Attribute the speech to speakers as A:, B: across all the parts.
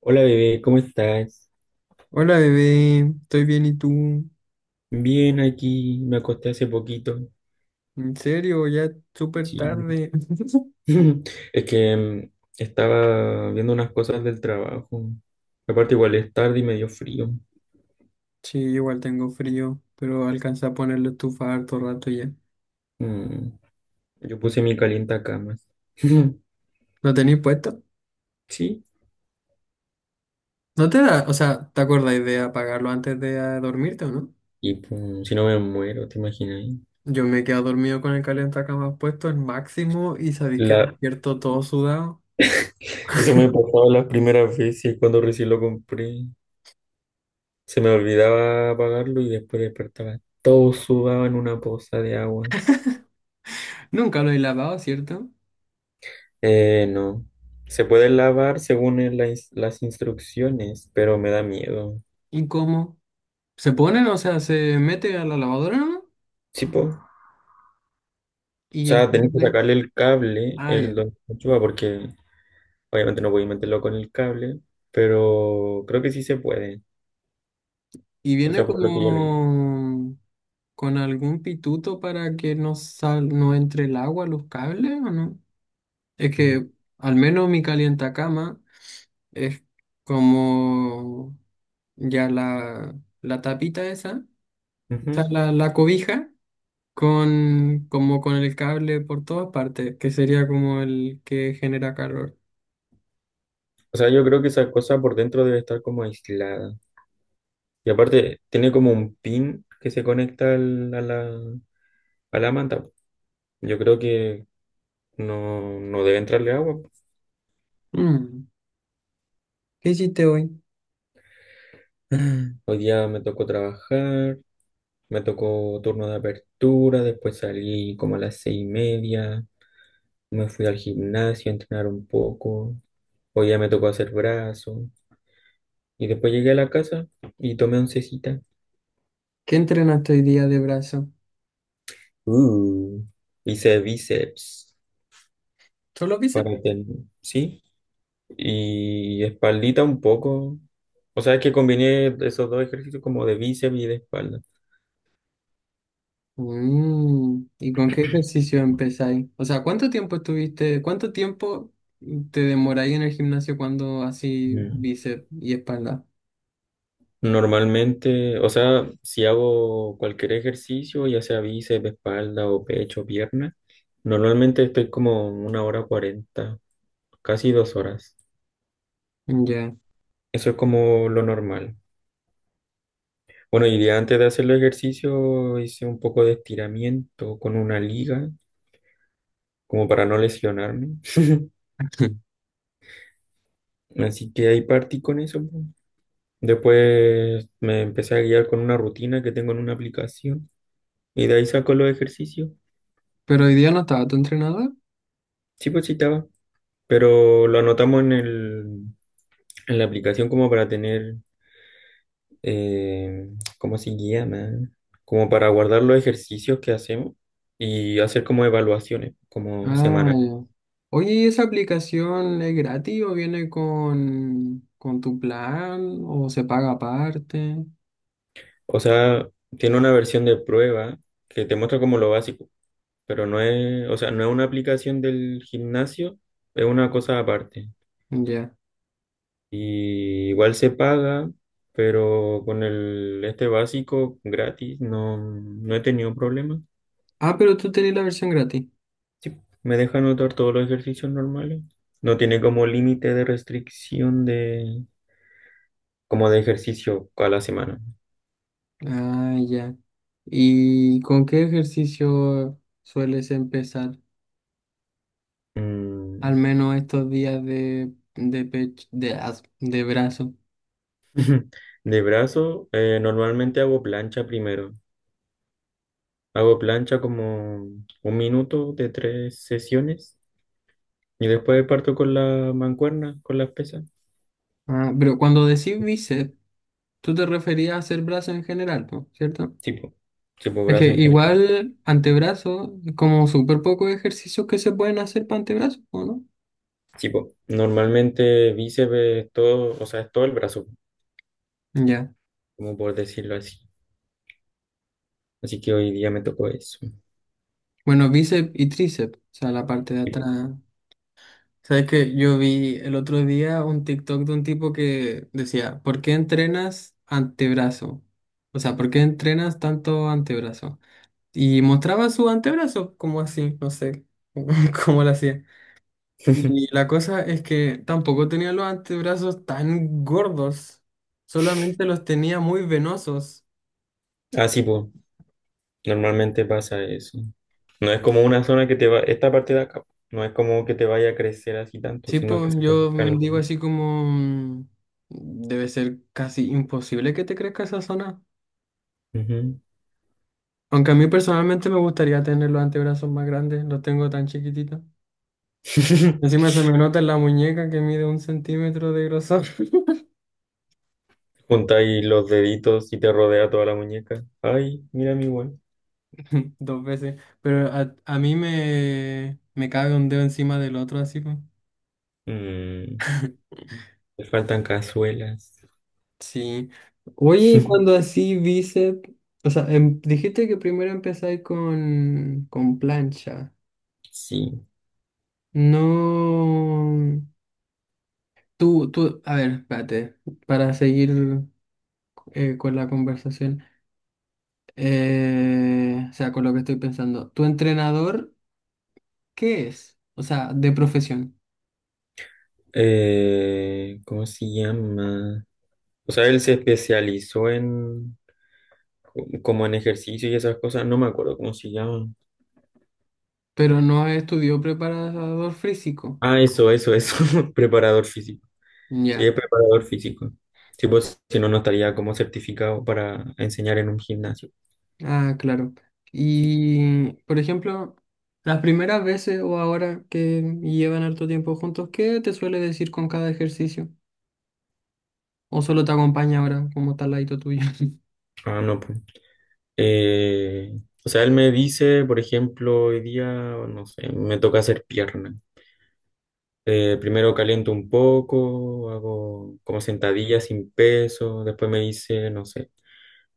A: Hola bebé, ¿cómo estás?
B: Hola bebé, estoy bien y tú.
A: Bien, aquí me acosté hace poquito.
B: ¿En serio? Ya es súper
A: Sí.
B: tarde.
A: Es que estaba viendo unas cosas del trabajo. Aparte igual es tarde y me dio frío.
B: Sí, igual tengo frío, pero alcancé a poner la estufa harto rato ya.
A: Mm, Yo puse mi camas.
B: ¿Lo tenéis puesto?
A: Sí.
B: ¿No te da, o sea, te acordáis de apagarlo antes de dormirte o no?
A: Y pum, si no me muero, ¿te imaginas?
B: Yo me he quedado dormido con el calentacamas puesto al máximo y sabéis que
A: La...
B: despierto todo sudado.
A: Eso me pasaba las primeras veces cuando recién lo compré. Se me olvidaba apagarlo y después despertaba todo sudado en una poza de agua.
B: Nunca lo he lavado, ¿cierto?
A: No. Se puede lavar según las instrucciones, pero me da miedo.
B: ¿Y cómo? ¿Se ponen? O sea, se mete a la lavadora, ¿no?
A: Sí, po. O
B: Y el
A: sea, tenés que
B: cable.
A: sacarle el cable,
B: Ah,
A: el
B: ya.
A: donde se enchufa, porque obviamente no voy a meterlo con el cable, pero creo que sí se puede.
B: Y
A: O
B: viene
A: sea, por lo que yo leí.
B: como con algún pituto para que no sal, no entre el agua a los cables, ¿o no? Es
A: Mm.
B: que al menos mi cama es como ya la tapita esa, o sea,
A: Ujú.
B: la cobija, con, como con el cable por todas partes, que sería como el que genera calor.
A: O sea, yo creo que esa cosa por dentro debe estar como aislada. Y aparte, tiene como un pin que se conecta a la manta. Yo creo que no, no debe entrarle agua.
B: Mm, ¿Qué hiciste hoy?
A: Hoy día me tocó trabajar, me tocó turno de apertura, después salí como a las 6:30, me fui al gimnasio a entrenar un poco, hoy día me tocó hacer brazo, y después llegué a la casa y tomé oncecita.
B: ¿Qué entrenaste hoy día de brazo?
A: Uh, hice bíceps
B: Solo vi.
A: para tener, ¿sí? Y espaldita un poco. O sea, es que combiné esos dos ejercicios como de bíceps y de espalda.
B: Mm, ¿y con qué ejercicio empezáis? O sea, ¿cuánto tiempo estuviste, cuánto tiempo te demoráis en el gimnasio cuando así
A: Mm.
B: bíceps y espalda?
A: Normalmente, o sea, si hago cualquier ejercicio, ya sea bíceps, espalda o pecho, pierna, normalmente estoy como 1 hora 40, casi 2 horas.
B: Ya.
A: Eso es como lo normal. Bueno, y de antes de hacer el ejercicio hice un poco de estiramiento con una liga, como para no lesionarme. Así que ahí partí con eso. Po. Después me empecé a guiar con una rutina que tengo en una aplicación y de ahí saco los ejercicios.
B: Pero hoy día no estaba tu entrenador.
A: Sí, pues sí, estaba. Pero lo anotamos en la aplicación como para tener, eh, ¿cómo se llama? Como para guardar los ejercicios que hacemos y hacer como evaluaciones, como
B: Ah,
A: semanal.
B: ya. Oye, ¿y esa aplicación es gratis o viene con tu plan o se paga aparte?
A: O sea, tiene una versión de prueba que te muestra como lo básico, pero no es, o sea, no es una aplicación del gimnasio, es una cosa aparte.
B: Ya.
A: Y igual se paga, pero con el este básico gratis no, no he tenido problemas.
B: Ah, pero tú tenés la versión gratis.
A: Sí, me deja anotar todos los ejercicios normales. No tiene como límite de restricción de como de ejercicio a la semana.
B: Ah, ya. ¿Y con qué ejercicio sueles empezar? Al
A: Mm,
B: menos estos días de pecho, de, as- de brazo.
A: De brazo, normalmente hago plancha primero. Hago plancha como un minuto de tres sesiones y después parto con la mancuerna, con las pesas.
B: Ah, pero cuando decís bíceps, tú te referías a hacer brazo en general, ¿no? ¿Cierto?
A: Sí, po. Sí,
B: Es que
A: brazo en general.
B: igual antebrazo, como súper pocos ejercicios que se pueden hacer para antebrazo, ¿o no?
A: Sí, normalmente bíceps, es todo, o sea, es todo el brazo,
B: Ya.
A: como por decirlo así. Así que hoy día me tocó eso.
B: Bueno, bíceps y tríceps, o sea, la parte de
A: Sí,
B: atrás. ¿Sabes que yo vi el otro día un TikTok de un tipo que decía, ¿por qué entrenas antebrazo? O sea, ¿por qué entrenas tanto antebrazo? Y mostraba su antebrazo, como así, no sé cómo lo hacía. Y la cosa es que tampoco tenía los antebrazos tan gordos, solamente los tenía muy venosos.
A: Ah, sí, pues, normalmente pasa eso. No es como una zona que te va, esta parte de acá, no es como que te vaya a crecer así tanto,
B: Sí,
A: sino
B: pues
A: que se te va
B: yo
A: a
B: digo así como, debe ser casi imposible que te crezca esa zona.
A: Ujú.
B: Aunque a mí personalmente me gustaría tener los antebrazos más grandes, los tengo tan chiquititos. Encima se me nota en la muñeca que mide un centímetro de grosor.
A: Juntáis los deditos y te rodea toda la muñeca. Ay, mira mi buen.
B: Dos veces. Pero a mí me cabe un dedo encima del otro, así pues.
A: Mm, le faltan cazuelas.
B: Sí. Oye, y cuando así bíceps, o sea, em- dijiste que primero empezáis con plancha.
A: Sí.
B: No. Tú, a ver, espérate, para seguir con la conversación. O sea, con lo que estoy pensando. ¿Tu entrenador qué es? O sea, de profesión,
A: ¿Cómo se llama? O sea, él se especializó en como en ejercicio y esas cosas. No me acuerdo cómo se llama.
B: pero no estudió preparador físico.
A: Ah, eso, eso, eso. Preparador físico. Sí,
B: Ya.
A: es preparador físico. Sí, pues, si no, no estaría como certificado para enseñar en un gimnasio.
B: Ah, claro.
A: Sí.
B: Y, por ejemplo, las primeras veces o ahora que llevan harto tiempo juntos, ¿qué te suele decir con cada ejercicio? ¿O solo te acompaña ahora como tal ladito tuyo?
A: Ah, no, pues. Eh, o sea, él me dice, por ejemplo, hoy día, no sé, me toca hacer pierna. Primero caliento un poco, hago como sentadillas sin peso. Después me dice, no sé,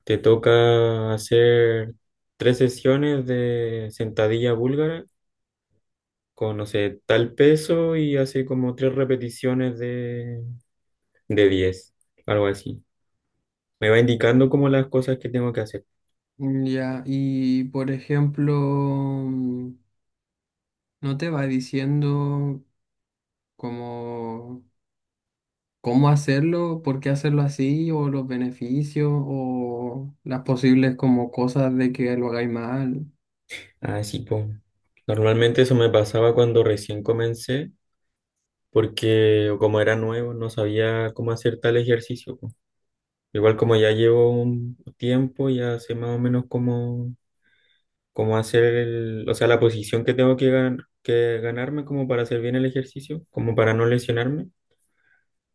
A: te toca hacer tres sesiones de sentadilla búlgara con, no sé, tal peso y hace como tres repeticiones de 10 algo así. Me va indicando como las cosas que tengo que hacer.
B: Mm, Ya, y por ejemplo, mm, ¿no te va diciendo como cómo hacerlo, por qué hacerlo así, o los beneficios, o las posibles como cosas de que lo hagáis mal?
A: Así pues. Normalmente eso me pasaba cuando recién comencé, porque como era nuevo, no sabía cómo hacer tal ejercicio. Po. Igual como ya llevo un tiempo, ya sé más o menos cómo hacer el, o sea, la posición que tengo que ganarme como para hacer bien el ejercicio, como para no lesionarme.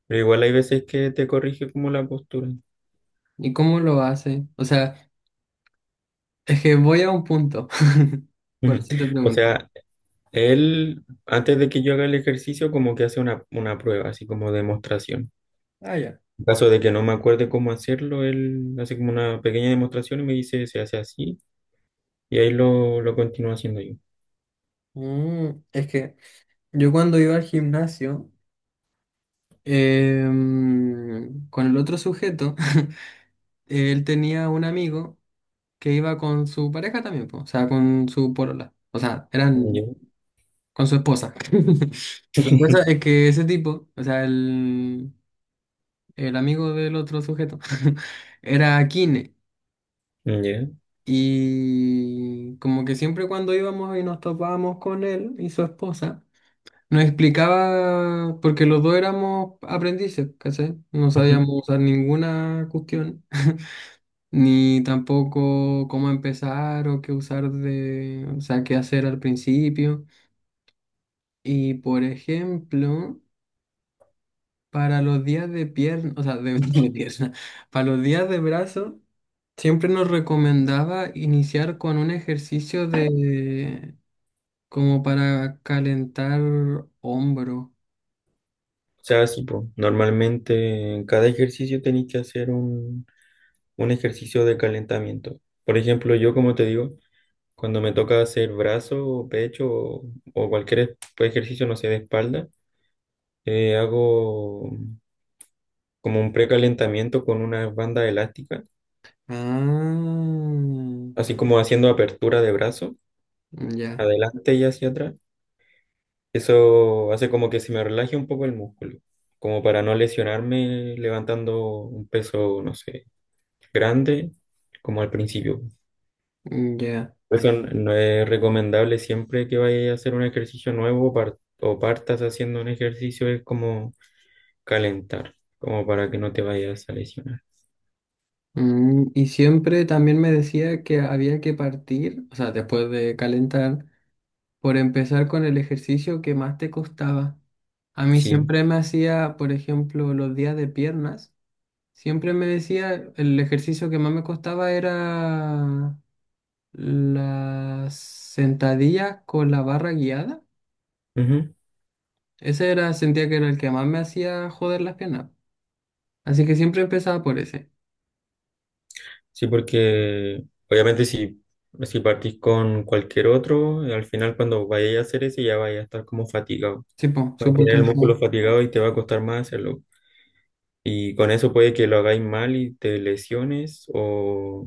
A: Pero igual hay veces que te corrige como la postura.
B: ¿Y cómo lo hace? O sea, es que voy a un punto. Por eso te
A: O
B: pregunto.
A: sea, él, antes de que yo haga el ejercicio, como que hace una prueba, así como demostración.
B: Ah, ya.
A: En caso de que no me acuerde cómo hacerlo, él hace como una pequeña demostración y me dice, se hace así, y ahí lo continúo haciendo yo.
B: Mm, es que yo cuando iba al gimnasio, con el otro sujeto, él tenía un amigo que iba con su pareja también, po, o sea, con su porola. O sea, eran
A: Ya.
B: con su esposa. La cosa es que ese tipo, o sea, el amigo del otro sujeto, era kine.
A: Ya,
B: Y como que siempre cuando íbamos y nos topábamos con él y su esposa, nos explicaba, porque los dos éramos aprendices, ¿cachai? No sabíamos
A: ujú.
B: usar ninguna cuestión, ni tampoco cómo empezar o qué usar de, o sea, qué hacer al principio. Y por ejemplo, para los días de pierna, o sea, de, de pierna, para los días de brazo, siempre nos recomendaba iniciar con un ejercicio de. Como para calentar hombro.
A: O sea, sí, po. Normalmente en cada ejercicio tenéis que hacer un ejercicio de calentamiento. Por ejemplo, yo, como te digo, cuando me toca hacer brazo, o pecho o cualquier pues, ejercicio, no sé, de espalda, hago. Como un precalentamiento con una banda elástica,
B: Ah,
A: así como haciendo apertura de brazo,
B: ya,
A: adelante y hacia atrás. Eso hace como que se me relaje un poco el músculo, como para no lesionarme levantando un peso, no sé, grande, como al principio.
B: ya.
A: Por eso no es recomendable siempre que vayas a hacer un ejercicio nuevo o partas haciendo un ejercicio, es como calentar, como para que no te vayas a lesionar.
B: Mm, y siempre también me decía que había que partir, o sea, después de calentar, por empezar con el ejercicio que más te costaba. A mí
A: Sí.
B: siempre me hacía, por ejemplo, los días de piernas, siempre me decía el ejercicio que más me costaba era las sentadillas con la barra guiada.
A: Ujú.
B: Ese era, sentía que era el que más me hacía joder las piernas. Así que siempre empezaba por ese.
A: Sí, porque obviamente si partís con cualquier otro, al final cuando vayas a hacer ese ya vayas a estar como fatigado.
B: Sí, po,
A: Vas a
B: súper
A: tener el músculo
B: cansado.
A: fatigado y te va a costar más hacerlo. Y con eso puede que lo hagáis mal y te lesiones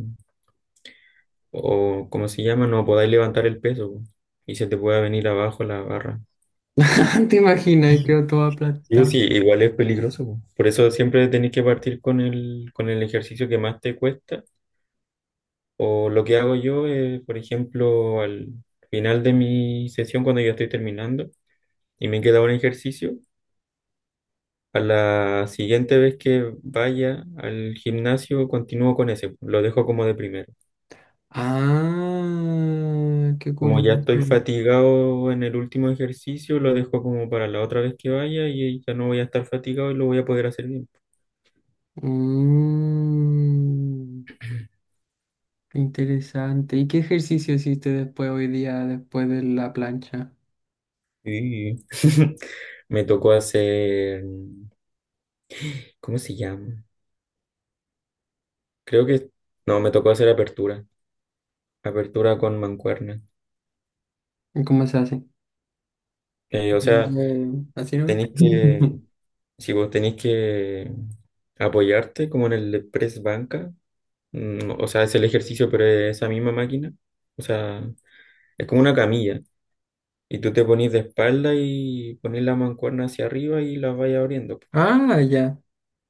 A: o ¿cómo se llama? No podáis levantar el peso po, y se te pueda venir abajo la barra.
B: ¿Te imaginas? Y
A: Sí,
B: quedó todo
A: pues sí,
B: aplastado.
A: igual es peligroso. Po. Por eso siempre tenéis que partir con el ejercicio que más te cuesta. O lo que hago yo es, por ejemplo, al final de mi sesión, cuando ya estoy terminando y me queda un ejercicio, a la siguiente vez que vaya al gimnasio, continúo con ese, lo dejo como de primero.
B: Ah, qué
A: Como ya estoy
B: curioso.
A: fatigado en el último ejercicio, lo dejo como para la otra vez que vaya y ya no voy a estar fatigado y lo voy a poder hacer bien.
B: Mm, interesante. ¿Y qué ejercicio hiciste después hoy día, después de la plancha?
A: Y me tocó hacer, ¿cómo se llama? Creo que, no, me tocó hacer apertura, apertura con mancuernas.
B: ¿Y cómo se hace?
A: O sea,
B: Eh, ¿así no?
A: tenéis que, si vos tenéis que apoyarte como en el press banca, o sea, es el ejercicio, pero es esa misma máquina, o sea, es como una camilla, y tú te ponís de espalda y ponés la mancuerna hacia arriba y la vais abriendo.
B: Ah, ya.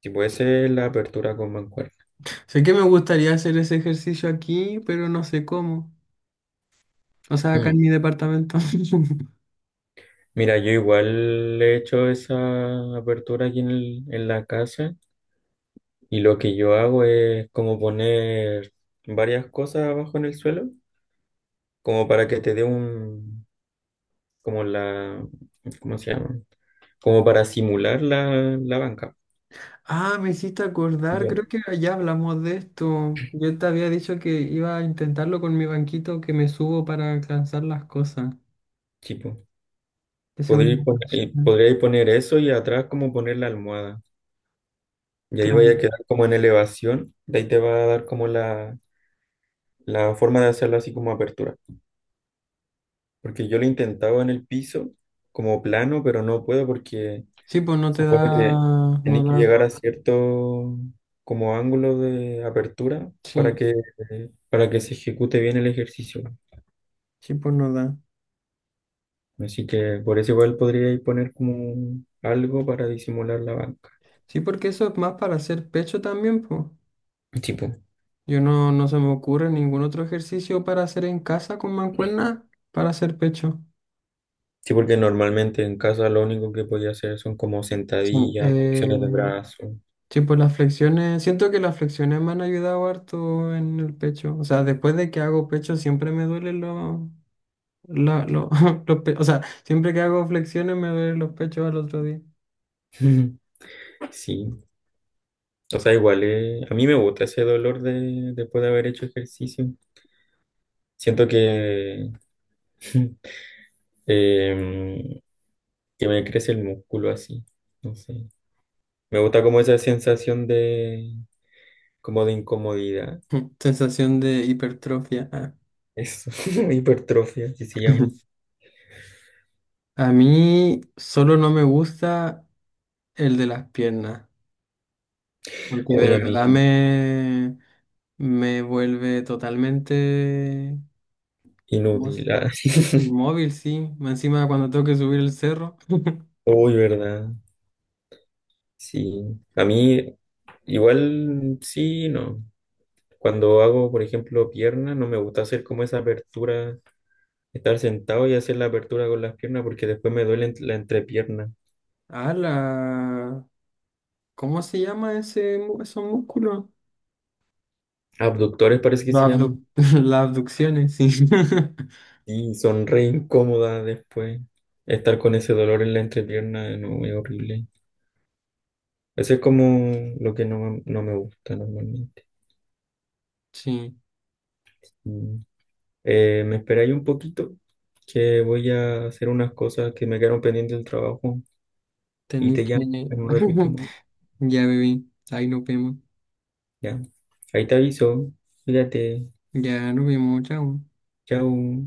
A: Si puede ser la apertura con mancuerna.
B: Sé que me gustaría hacer ese ejercicio aquí, pero no sé cómo. O sea, acá en
A: Mm.
B: mi departamento.
A: Mira, yo igual he hecho esa apertura aquí en en la casa, y lo que yo hago es como poner varias cosas abajo en el suelo. Como para que te dé un, como la, ¿cómo se llama? Como para simular la banca.
B: Ah, me hiciste
A: Y
B: acordar,
A: yo,
B: creo que ya hablamos de esto. Yo te había dicho que iba a intentarlo con mi banquito que me subo para alcanzar las cosas.
A: sí, po.
B: Esa es una opción.
A: Podríais poner eso y atrás como poner la almohada. Y ahí vaya
B: Claro.
A: a quedar como en elevación. De ahí te va a dar como la forma de hacerlo así como apertura. Porque yo lo intentaba en el piso como plano, pero no puedo porque
B: Sí, pues no
A: se
B: te
A: supone que
B: da, no
A: tenéis que
B: da.
A: llegar a cierto como ángulo de apertura para
B: Sí,
A: que, para que se ejecute bien el ejercicio.
B: sí, pues no da.
A: Así que por eso igual podría ir poner como algo para disimular la banca.
B: Sí, porque eso es más para hacer pecho también, pues.
A: Sí, po.
B: Yo no, no se me ocurre ningún otro ejercicio para hacer en casa con mancuerna para hacer pecho.
A: Sí, porque normalmente en casa lo único que podía hacer son como
B: Sí.
A: sentadillas, flexiones de brazo.
B: Sí, pues las flexiones, siento que las flexiones me han ayudado harto en el pecho. O sea, después de que hago pecho siempre me duelen los, la- lo- los pe- O sea, siempre que hago flexiones me duelen los pechos al otro día.
A: Sí, o sea, igual a mí me gusta ese dolor de, después de haber hecho ejercicio. Siento que, em, que me crece el músculo así, no sé. Me gusta como esa sensación de, como de incomodidad.
B: Sensación de hipertrofia, ah.
A: Eso, hipertrofia, así se llama.
B: A mí solo no me gusta el de las piernas, porque de
A: Oye, a mí,
B: verdad me, me vuelve totalmente como
A: Inútil.
B: s-
A: Ah.
B: inmóvil, sí. Más encima cuando tengo que subir el cerro.
A: Uy, ¿verdad? Sí. A mí igual sí, no. Cuando hago, por ejemplo, piernas, no me gusta hacer como esa apertura, estar sentado y hacer la apertura con las piernas porque después me duele la entrepierna.
B: Ah, la... ¿Cómo se llama ese, mu- esos músculos?
A: Abductores parece que se
B: Las
A: llaman.
B: abdu- las abducciones, sí.
A: Y son re incómodas después. Estar con ese dolor en la entrepierna, no, es horrible. Eso es como lo que no, no me gusta normalmente.
B: Sí,
A: Mm. Me esperé ahí un poquito, que voy a hacer unas cosas que me quedaron pendientes del trabajo y
B: tenés
A: te
B: que...
A: llamo en un ratito. Más.
B: Ya, bebé, ahí nos vemos.
A: Ya. Ahí te aviso. Cuídate.
B: Ya nos vemos, chao.
A: Chao.